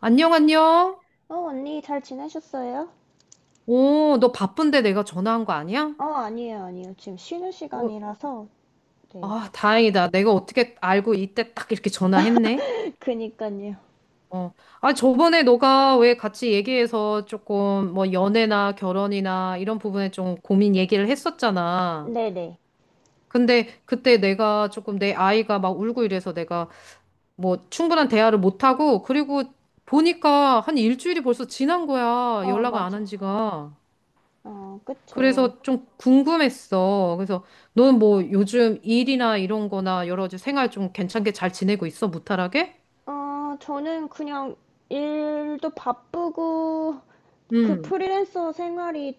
안녕, 안녕. 언니 잘 지내셨어요? 오, 너 바쁜데 내가 전화한 거 아니야? 아니에요, 아니에요. 지금 쉬는 어, 시간이라서. 네. 아, 다행이다. 내가 어떻게 알고 이때 딱 이렇게 전화했네. 그니까요. 어, 아, 저번에 너가 왜 같이 얘기해서 조금 뭐 연애나 결혼이나 이런 부분에 좀 고민 얘기를 했었잖아. 네네. 근데 그때 내가 조금 내 아이가 막 울고 이래서 내가 뭐 충분한 대화를 못하고 그리고 보니까 한 일주일이 벌써 지난 거야. 연락을 안 한 맞아. 지가. 그쵸. 그래서 좀 궁금했어. 그래서 너는 뭐 요즘 일이나 이런 거나 여러 가지 생활 좀 괜찮게 잘 지내고 있어? 무탈하게? 저는 그냥 일도 바쁘고, 그 응 프리랜서 생활이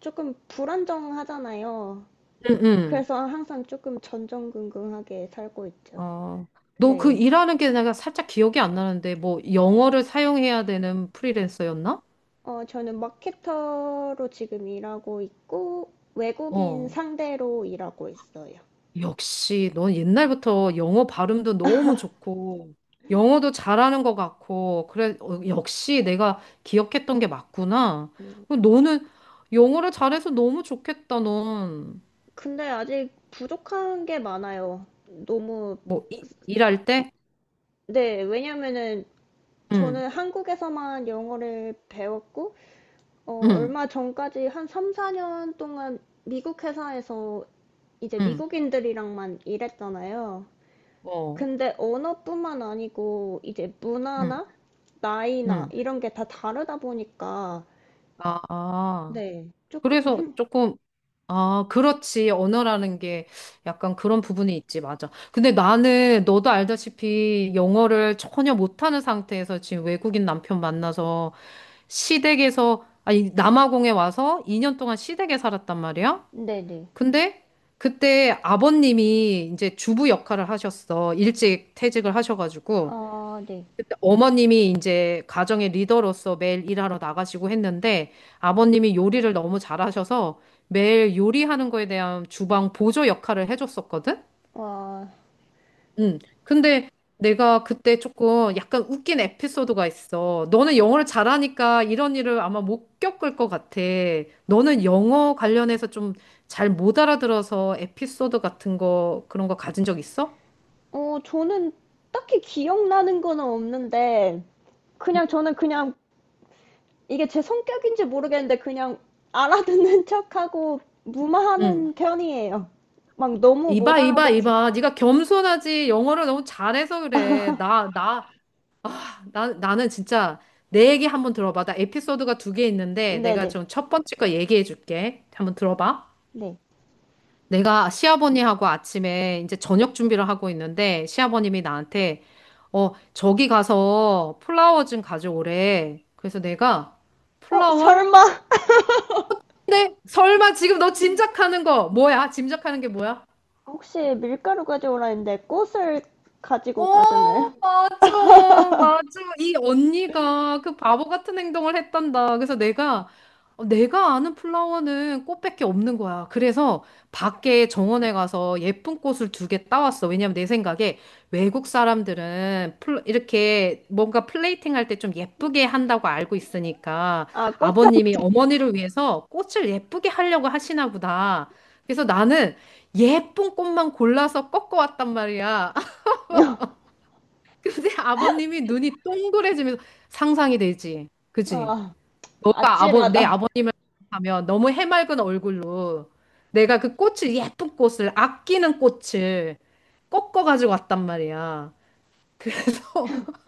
조금 불안정하잖아요. 응, 응. 그래서 항상 조금 전전긍긍하게 살고 있죠. 어, 너 그 네. 일하는 게 내가 살짝 기억이 안 나는데 뭐 영어를 사용해야 되는 프리랜서였나? 저는 마케터로 지금 일하고 있고, 외국인 어. 상대로 일하고 있어요. 역시 넌 옛날부터 영어 발음도 너무 좋고 영어도 잘하는 것 같고 그래 어, 역시 내가 기억했던 게 맞구나. 너는 영어를 잘해서 너무 좋겠다, 넌. 근데 아직 부족한 게 많아요. 너무, 뭐, 이, 일할 때? 네, 왜냐면은 응, 저는 한국에서만 영어를 배웠고, 응, 얼마 전까지 한 3, 4년 동안 미국 회사에서 이제 응, 미국인들이랑만 일했잖아요. 어. 근데 언어뿐만 아니고 이제 응, 문화나 나이나 응. 이런 게 다 다르다 보니까, 아, 아. 네, 조금 그래서 힘, 조금, 아, 그렇지. 언어라는 게 약간 그런 부분이 있지. 맞아. 근데 나는 너도 알다시피 영어를 전혀 못하는 상태에서 지금 외국인 남편 만나서 시댁에서, 아니, 남아공에 와서 2년 동안 시댁에 살았단 말이야. 네네. 근데 그때 아버님이 이제 주부 역할을 하셨어. 일찍 퇴직을 하셔가지고. 아, 네. 어머님이 이제 가정의 리더로서 매일 일하러 나가시고 했는데 아버님이 요리를 너무 잘하셔서 매일 요리하는 거에 대한 주방 보조 역할을 해줬었거든? 와, 응. 근데 내가 그때 조금 약간 웃긴 에피소드가 있어. 너는 영어를 잘하니까 이런 일을 아마 못 겪을 것 같아. 너는 영어 관련해서 좀 잘 못 알아들어서 에피소드 같은 거 그런 거 가진 적 있어? 저는 딱히 기억나는 거는 없는데, 그냥 저는 그냥 이게 제 성격인지 모르겠는데, 그냥 알아듣는 척하고 응. 무마하는 편이에요. 막 너무 못 이봐, 이봐, 알아듣지. 이봐. 네가 겸손하지. 영어를 너무 잘해서 그래. 나는 진짜 내 얘기 한번 들어봐. 나 에피소드가 두 개 있는데 내가 네네. 좀 첫 번째 거 얘기해 줄게. 한번 들어봐. 네. 내가 시아버님하고 아침에 이제 저녁 준비를 하고 있는데 시아버님이 나한테 어, 저기 가서 플라워 좀 가져오래. 그래서 내가 플라워? 설마? 근데 설마 지금 너 짐작하는 거 뭐야? 짐작하는 게 뭐야? 혹시 밀가루 가져오라 했는데, 꽃을 가지고 어, 가셨나요? 맞아, 맞아. 이 언니가 그 바보 같은 행동을 했단다. 그래서 내가, 어, 내가 아는 플라워는 꽃밖에 없는 거야. 그래서 밖에 정원에 가서 예쁜 꽃을 두 개 따왔어. 왜냐면 내 생각에 외국 사람들은 이렇게 뭔가 플레이팅 할 때 좀 예쁘게 한다고 알고 있으니까 아, 꽃장. 아버님이 어머니를 위해서 꽃을 예쁘게 하려고 하시나 보다. 그래서 나는 예쁜 꽃만 골라서 꺾어왔단 말이야. 근데 아버님이 눈이 동그래지면서 상상이 되지. 그지? 아, 너가 아버, 내 아찔하다. 아버님을 하면 너무 해맑은 얼굴로 내가 그 꽃을, 예쁜 꽃을, 아끼는 꽃을 꺾어가지고 왔단 말이야. 그래서,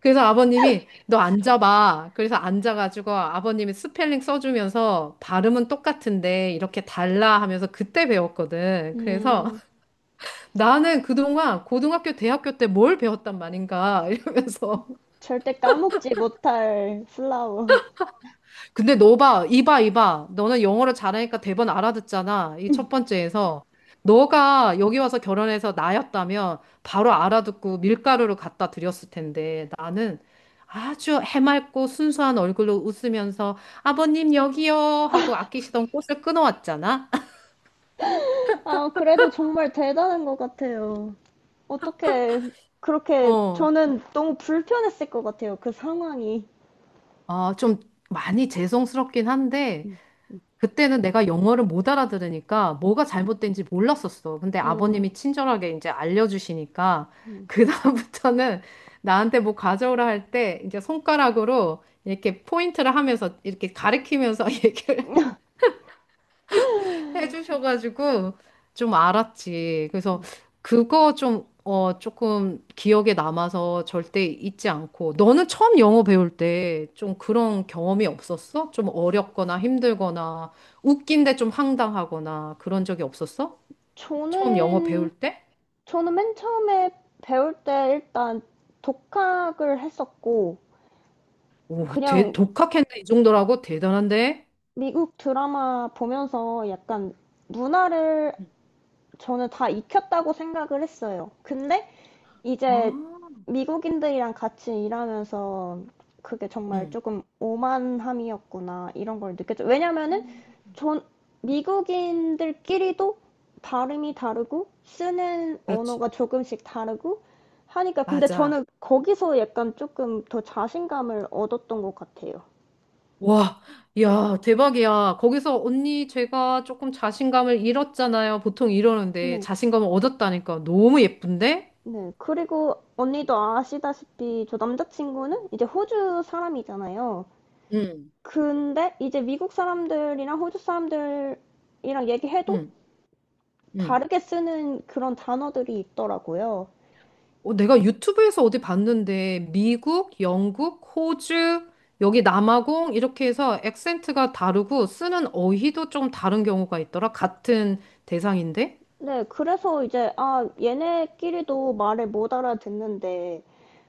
그래서 아버님이 너 앉아봐. 그래서 앉아가지고 아버님이 스펠링 써주면서 발음은 똑같은데 이렇게 달라 하면서 그때 배웠거든. 그래서 음, 나는 그동안 고등학교, 대학교 때 뭘 배웠단 말인가 이러면서. 절대 까먹지 못할 플라워. 근데 너 봐, 이봐, 이봐. 너는 영어를 잘하니까 대번 알아듣잖아. 이 첫 번째에서. 너가 여기 와서 결혼해서 나였다면 바로 알아듣고 밀가루를 갖다 드렸을 텐데 나는 아주 해맑고 순수한 얼굴로 웃으면서 아버님 여기요 하고 아끼시던 꽃을 끊어왔잖아. 아, 그래도 정말 대단한 것 같아요. 어떻게 그렇게 어. 저는 너무 불편했을 것 같아요. 그 상황이. 아, 좀 많이 죄송스럽긴 한데 그때는 내가 영어를 못 알아들으니까 뭐가 잘못된지 몰랐었어. 근데 아버님이 음, 친절하게 이제 알려주시니까 그다음부터는 나한테 뭐 가져오라 할 때 이제 손가락으로 이렇게 포인트를 하면서 이렇게 가리키면서 얘기를 해주셔가지고 좀 알았지. 그래서 그거 좀, 어, 조금 기억에 남아서 절대 잊지 않고. 너는 처음 영어 배울 때 좀 그런 경험이 없었어? 좀 어렵거나 힘들거나 웃긴데 좀 황당하거나 그런 적이 없었어? 처음 영어 배울 저는 때? 저는 맨 처음에 배울 때 일단 독학을 했었고 오, 대, 그냥 독학했네. 이 정도라고? 대단한데? 미국 드라마 보면서 약간 문화를 음. 저는 다 익혔다고 생각을 했어요. 근데 이제 아, 미국인들이랑 같이 일하면서 그게 정말 응, 조금 오만함이었구나 이런 걸 느꼈죠. 왜냐면은 음. 전 미국인들끼리도 발음이 다르고 쓰는 그렇지. 언어가 조금씩 다르고 하니까 근데 맞아. 저는 거기서 약간 조금 더 자신감을 얻었던 것 같아요. 와, 야, 대박이야. 거기서 언니 제가 조금 자신감을 잃었잖아요. 보통 이러는데 네. 자신감을 얻었다니까 너무 예쁜데? 네. 그리고 언니도 아시다시피 저 남자친구는 이제 호주 사람이잖아요. 응, 근데 이제 미국 사람들이랑 호주 사람들이랑 얘기해도 응, 응. 다르게 쓰는 그런 단어들이 있더라고요. 어, 내가 유튜브에서 어디 봤는데 미국, 영국, 호주, 여기 남아공 이렇게 해서 액센트가 다르고 쓰는 어휘도 좀 다른 경우가 있더라. 같은 대상인데? 네, 그래서 이제, 아, 얘네끼리도 말을 못 알아듣는데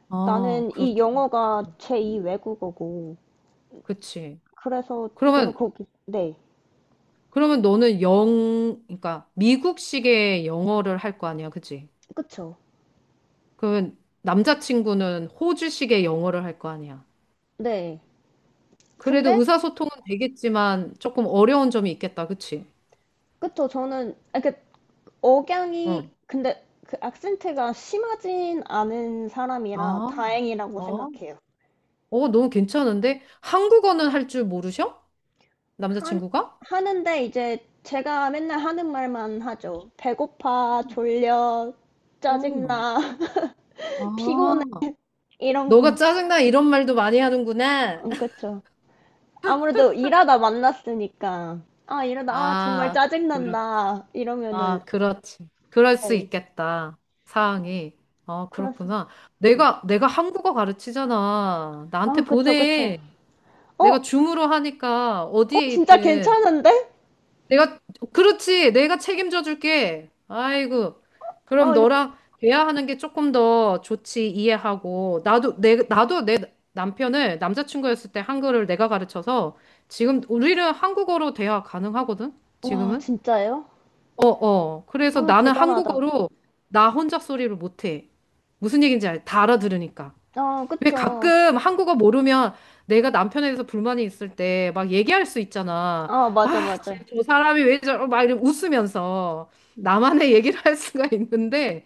아, 나는 그렇지. 이 영어가 제2 외국어고. 그치. 그래서 저는 그러면 거기, 네, 그러면 너는 그러니까 미국식의 영어를 할 거 아니야, 그치? 그쵸. 그러면 남자친구는 호주식의 영어를 할 거 아니야. 네. 그래도 근데, 의사소통은 되겠지만 조금 어려운 점이 있겠다, 그치? 그쵸, 저는, 아, 그, 억양이, 응. 근데 그 악센트가 심하진 않은 사람이라 아, 다행이라고 어, 생각해요. 어, 너무 괜찮은데? 한국어는 할 줄 모르셔? 하, 남자친구가? 하는데 이제 제가 맨날 하는 말만 하죠. 배고파, 졸려, 어. 짜증나, 피곤해 아, 이런 너가 거. 짜증나 이런 말도 많이 하는구나. 그쵸. 아무래도 일하다 만났으니까 아 이러다 아 정말 아, 그렇 짜증난다 이러면은 아, 그렇지. 그럴 수 네 있겠다. 상황이. 어, 그래서 그렇구나. 네. 내가 한국어 가르치잖아. 나한테 아 그쵸 그쵸. 보내. 어? 내가 줌으로 하니까 어디에 진짜 있든. 괜찮은데? 내가, 그렇지. 내가 책임져 줄게. 아이고. 그럼 아 이거 너랑 대화하는 게 조금 더 좋지. 이해하고. 나도 내 남편을 남자친구였을 때 한글을 내가 가르쳐서 지금 우리는 한국어로 대화 가능하거든? 와 지금은? 진짜예요? 어, 어. 그래서 와 나는 대단하다. 한국어로 나 혼자 소리를 못해. 무슨 얘기인지 알, 다 알아들으니까. 아 왜 그쵸. 가끔 한국어 모르면 내가 남편에 대해서 불만이 있을 때 막 얘기할 수 있잖아. 아 맞아 아, 맞아. 쟤저 사람이 왜 저러, 막 이러면 웃으면서 나만의 얘기를 할 수가 있는데,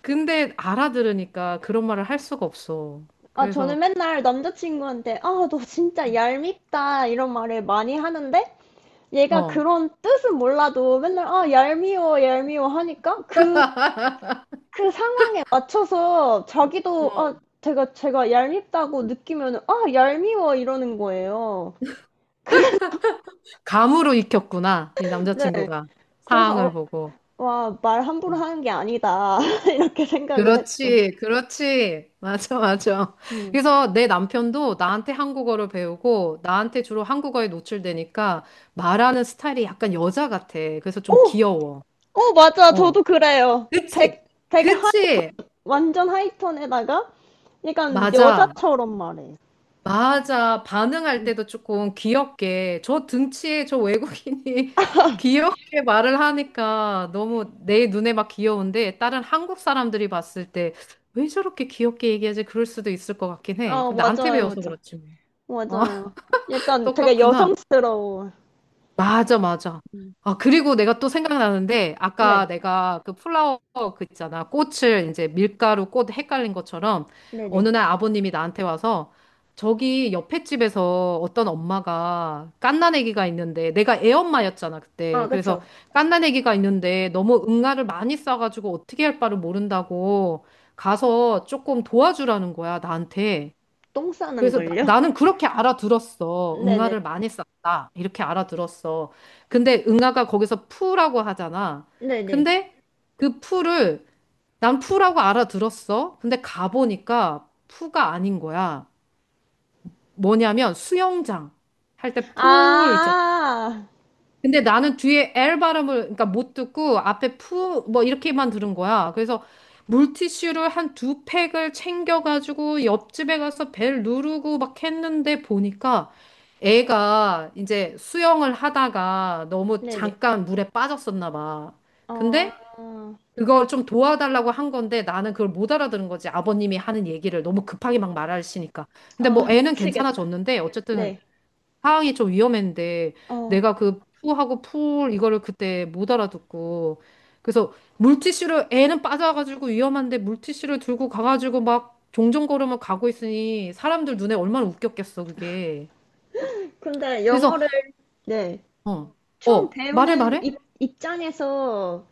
근데 알아들으니까 그런 말을 할 수가 없어. 아, 저는 그래서, 맨날 남자친구한테, 아, 너 진짜 얄밉다, 이런 말을 많이 하는데, 얘가 어, 그런 뜻은 몰라도 맨날, 아, 얄미워, 얄미워 하니까, 그 상황에 맞춰서 자기도, 아, 어. 제가 얄밉다고 느끼면, 아, 얄미워, 이러는 거예요. 감으로 익혔구나. 이 네. 남자친구가 그래서, 상황을 보고. 와, 말 함부로 하는 게 아니다. 이렇게 생각을 했죠. 그렇지, 그렇지. 맞아, 맞아. 음. 그래서 내 남편도 나한테 한국어를 배우고 나한테 주로 한국어에 노출되니까 말하는 스타일이 약간 여자 같아. 그래서 좀 오! 귀여워. 오, 맞아. 어. 저도 그래요. 그치, 되게 그치. 완전 하이톤에다가 약간 맞아. 여자처럼 말해. 맞아. 반응할 때도 조금 귀엽게. 저 등치에 저 외국인이 귀엽게 말을 하니까 너무 내 눈에 막 귀여운데 다른 한국 사람들이 봤을 때 왜 저렇게 귀엽게 얘기하지? 그럴 수도 있을 것 같긴 해. 아, 근데 나한테 맞아요, 배워서 맞아. 그렇지 뭐. 어, 맞아요. 약간 되게 똑같구나. 여성스러워. 맞아, 맞아. 아, 그리고 내가 또 생각나는데, 네. 아까 내가 그 플라워 그 있잖아. 꽃을 이제 밀가루 꽃 헷갈린 것처럼, 네네. 어느 날 아버님이 나한테 와서, 저기 옆에 집에서 어떤 엄마가 갓난아기가 있는데, 내가 애엄마였잖아, 아, 그때. 그래서 그쵸. 갓난아기가 있는데, 너무 응아를 많이 싸가지고 어떻게 할 바를 모른다고 가서 조금 도와주라는 거야, 나한테. 똥 싸는 그래서 걸요? 나, 는 그렇게 알아들었어. 네네. 응아를 많이 썼다. 이렇게 알아들었어. 근데 응아가 거기서 푸라고 하잖아. 네네. 근데 그 푸를 난 푸라고 알아들었어. 근데 가보니까 푸가 아닌 거야. 뭐냐면 수영장 할 때 폴 있잖아. 아, 근데 나는 뒤에 L 발음을 그러니까 못 듣고 앞에 푸 뭐 이렇게만 들은 거야. 그래서 물티슈를 한 두 팩을 챙겨가지고 옆집에 가서 벨 누르고 막 했는데 보니까 애가 이제 수영을 하다가 너무 네네. 잠깐 물에 빠졌었나 봐. 근데 아아아아아아 그걸 좀 도와달라고 한 건데 나는 그걸 못 알아들은 거지. 아버님이 하는 얘기를 너무 급하게 막 말하시니까. 근데 아 뭐 애는 미치겠다. 괜찮아졌는데 어쨌든 네. 상황이 좀 위험했는데 어, 내가 그 푸하고 풀 이거를 그때 못 알아듣고 그래서 물티슈를 애는 빠져가지고 위험한데 물티슈를 들고 가가지고 막 종전걸음을 가고 있으니 사람들 눈에 얼마나 웃겼겠어 그게 근데 그래서 영어를 네. 어, 처음 어 말해 배우는 말해 입장에서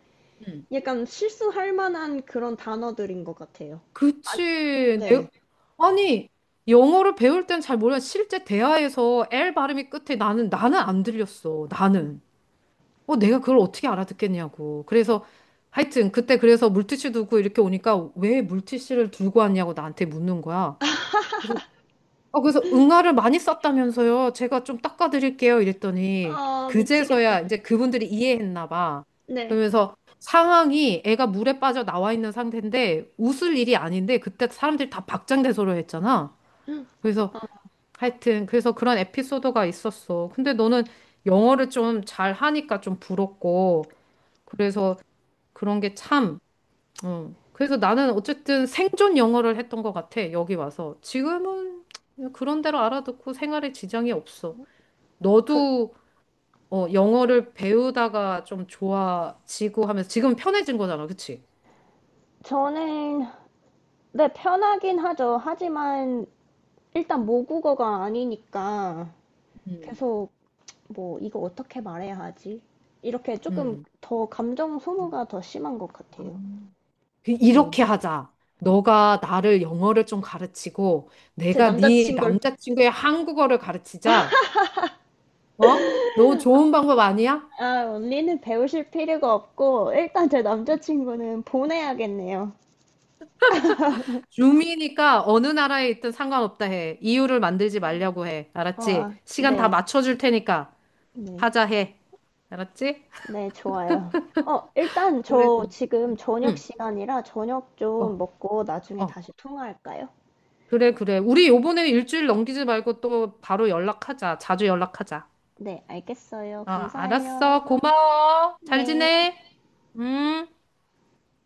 응. 약간 실수할 만한 그런 단어들인 것 같아요. 아, 그치 네. 아니 영어를 배울 땐 잘 몰라 실제 대화에서 L 발음이 끝에 나는 안 들렸어 나는 어, 내가 그걸 어떻게 알아듣겠냐고. 그래서 하여튼 그때 그래서 물티슈 두고 이렇게 오니까 왜 물티슈를 들고 왔냐고 나한테 묻는 거야. 그래서 어, 그래서 응아를 많이 썼다면서요. 제가 좀 닦아드릴게요. 이랬더니 아, 미치겠다. 그제서야 이제 그분들이 이해했나 봐. 네. 그러면서 상황이 애가 물에 빠져 나와 있는 상태인데 웃을 일이 아닌데 그때 사람들이 다 박장대소를 했잖아. 그래서 하여튼 그래서 그런 에피소드가 있었어. 근데 너는 영어를 좀 잘 하니까 좀 부럽고 그래서 그런 게 참, 어. 그래서 나는 어쨌든 생존 영어를 했던 것 같아, 여기 와서. 지금은 그냥 그런 대로 알아듣고 생활에 지장이 없어. 그, 너도 어, 영어를 배우다가 좀 좋아지고 하면서 지금 편해진 거잖아, 그치? 저는, 네, 편하긴 하죠. 하지만, 일단 모국어가 아니니까, 음. 계속, 뭐, 이거 어떻게 말해야 하지? 이렇게 조금 음. 더 감정 소모가 더 심한 것 같아요. 네. 이렇게 하자. 너가 나를 영어를 좀 가르치고 제 내가 네 남자친구를. 남자친구의 한국어를 가르치자. 어? 너무 좋은 방법 아니야? 아, 언니는 배우실 필요가 없고, 일단 제 남자친구는 보내야겠네요. 줌이니까 어느 나라에 있든 상관없다 해. 이유를 만들지 말려고 해. 알았지? 아, 시간 다 네. 맞춰줄 테니까 네. 하자 해. 알았지? 네, 좋아요. 일단 그래, 저 그래. 지금 저녁 응. 시간이라 저녁 어, 좀 먹고 나중에 어. 다시 통화할까요? 그래, 그래. 우리 요번에 일주일 넘기지 말고 또 바로 연락하자. 자주 연락하자. 네, 알겠어요. 어, 감사해요. 알았어. 고마워. 잘 네. 지내. 음.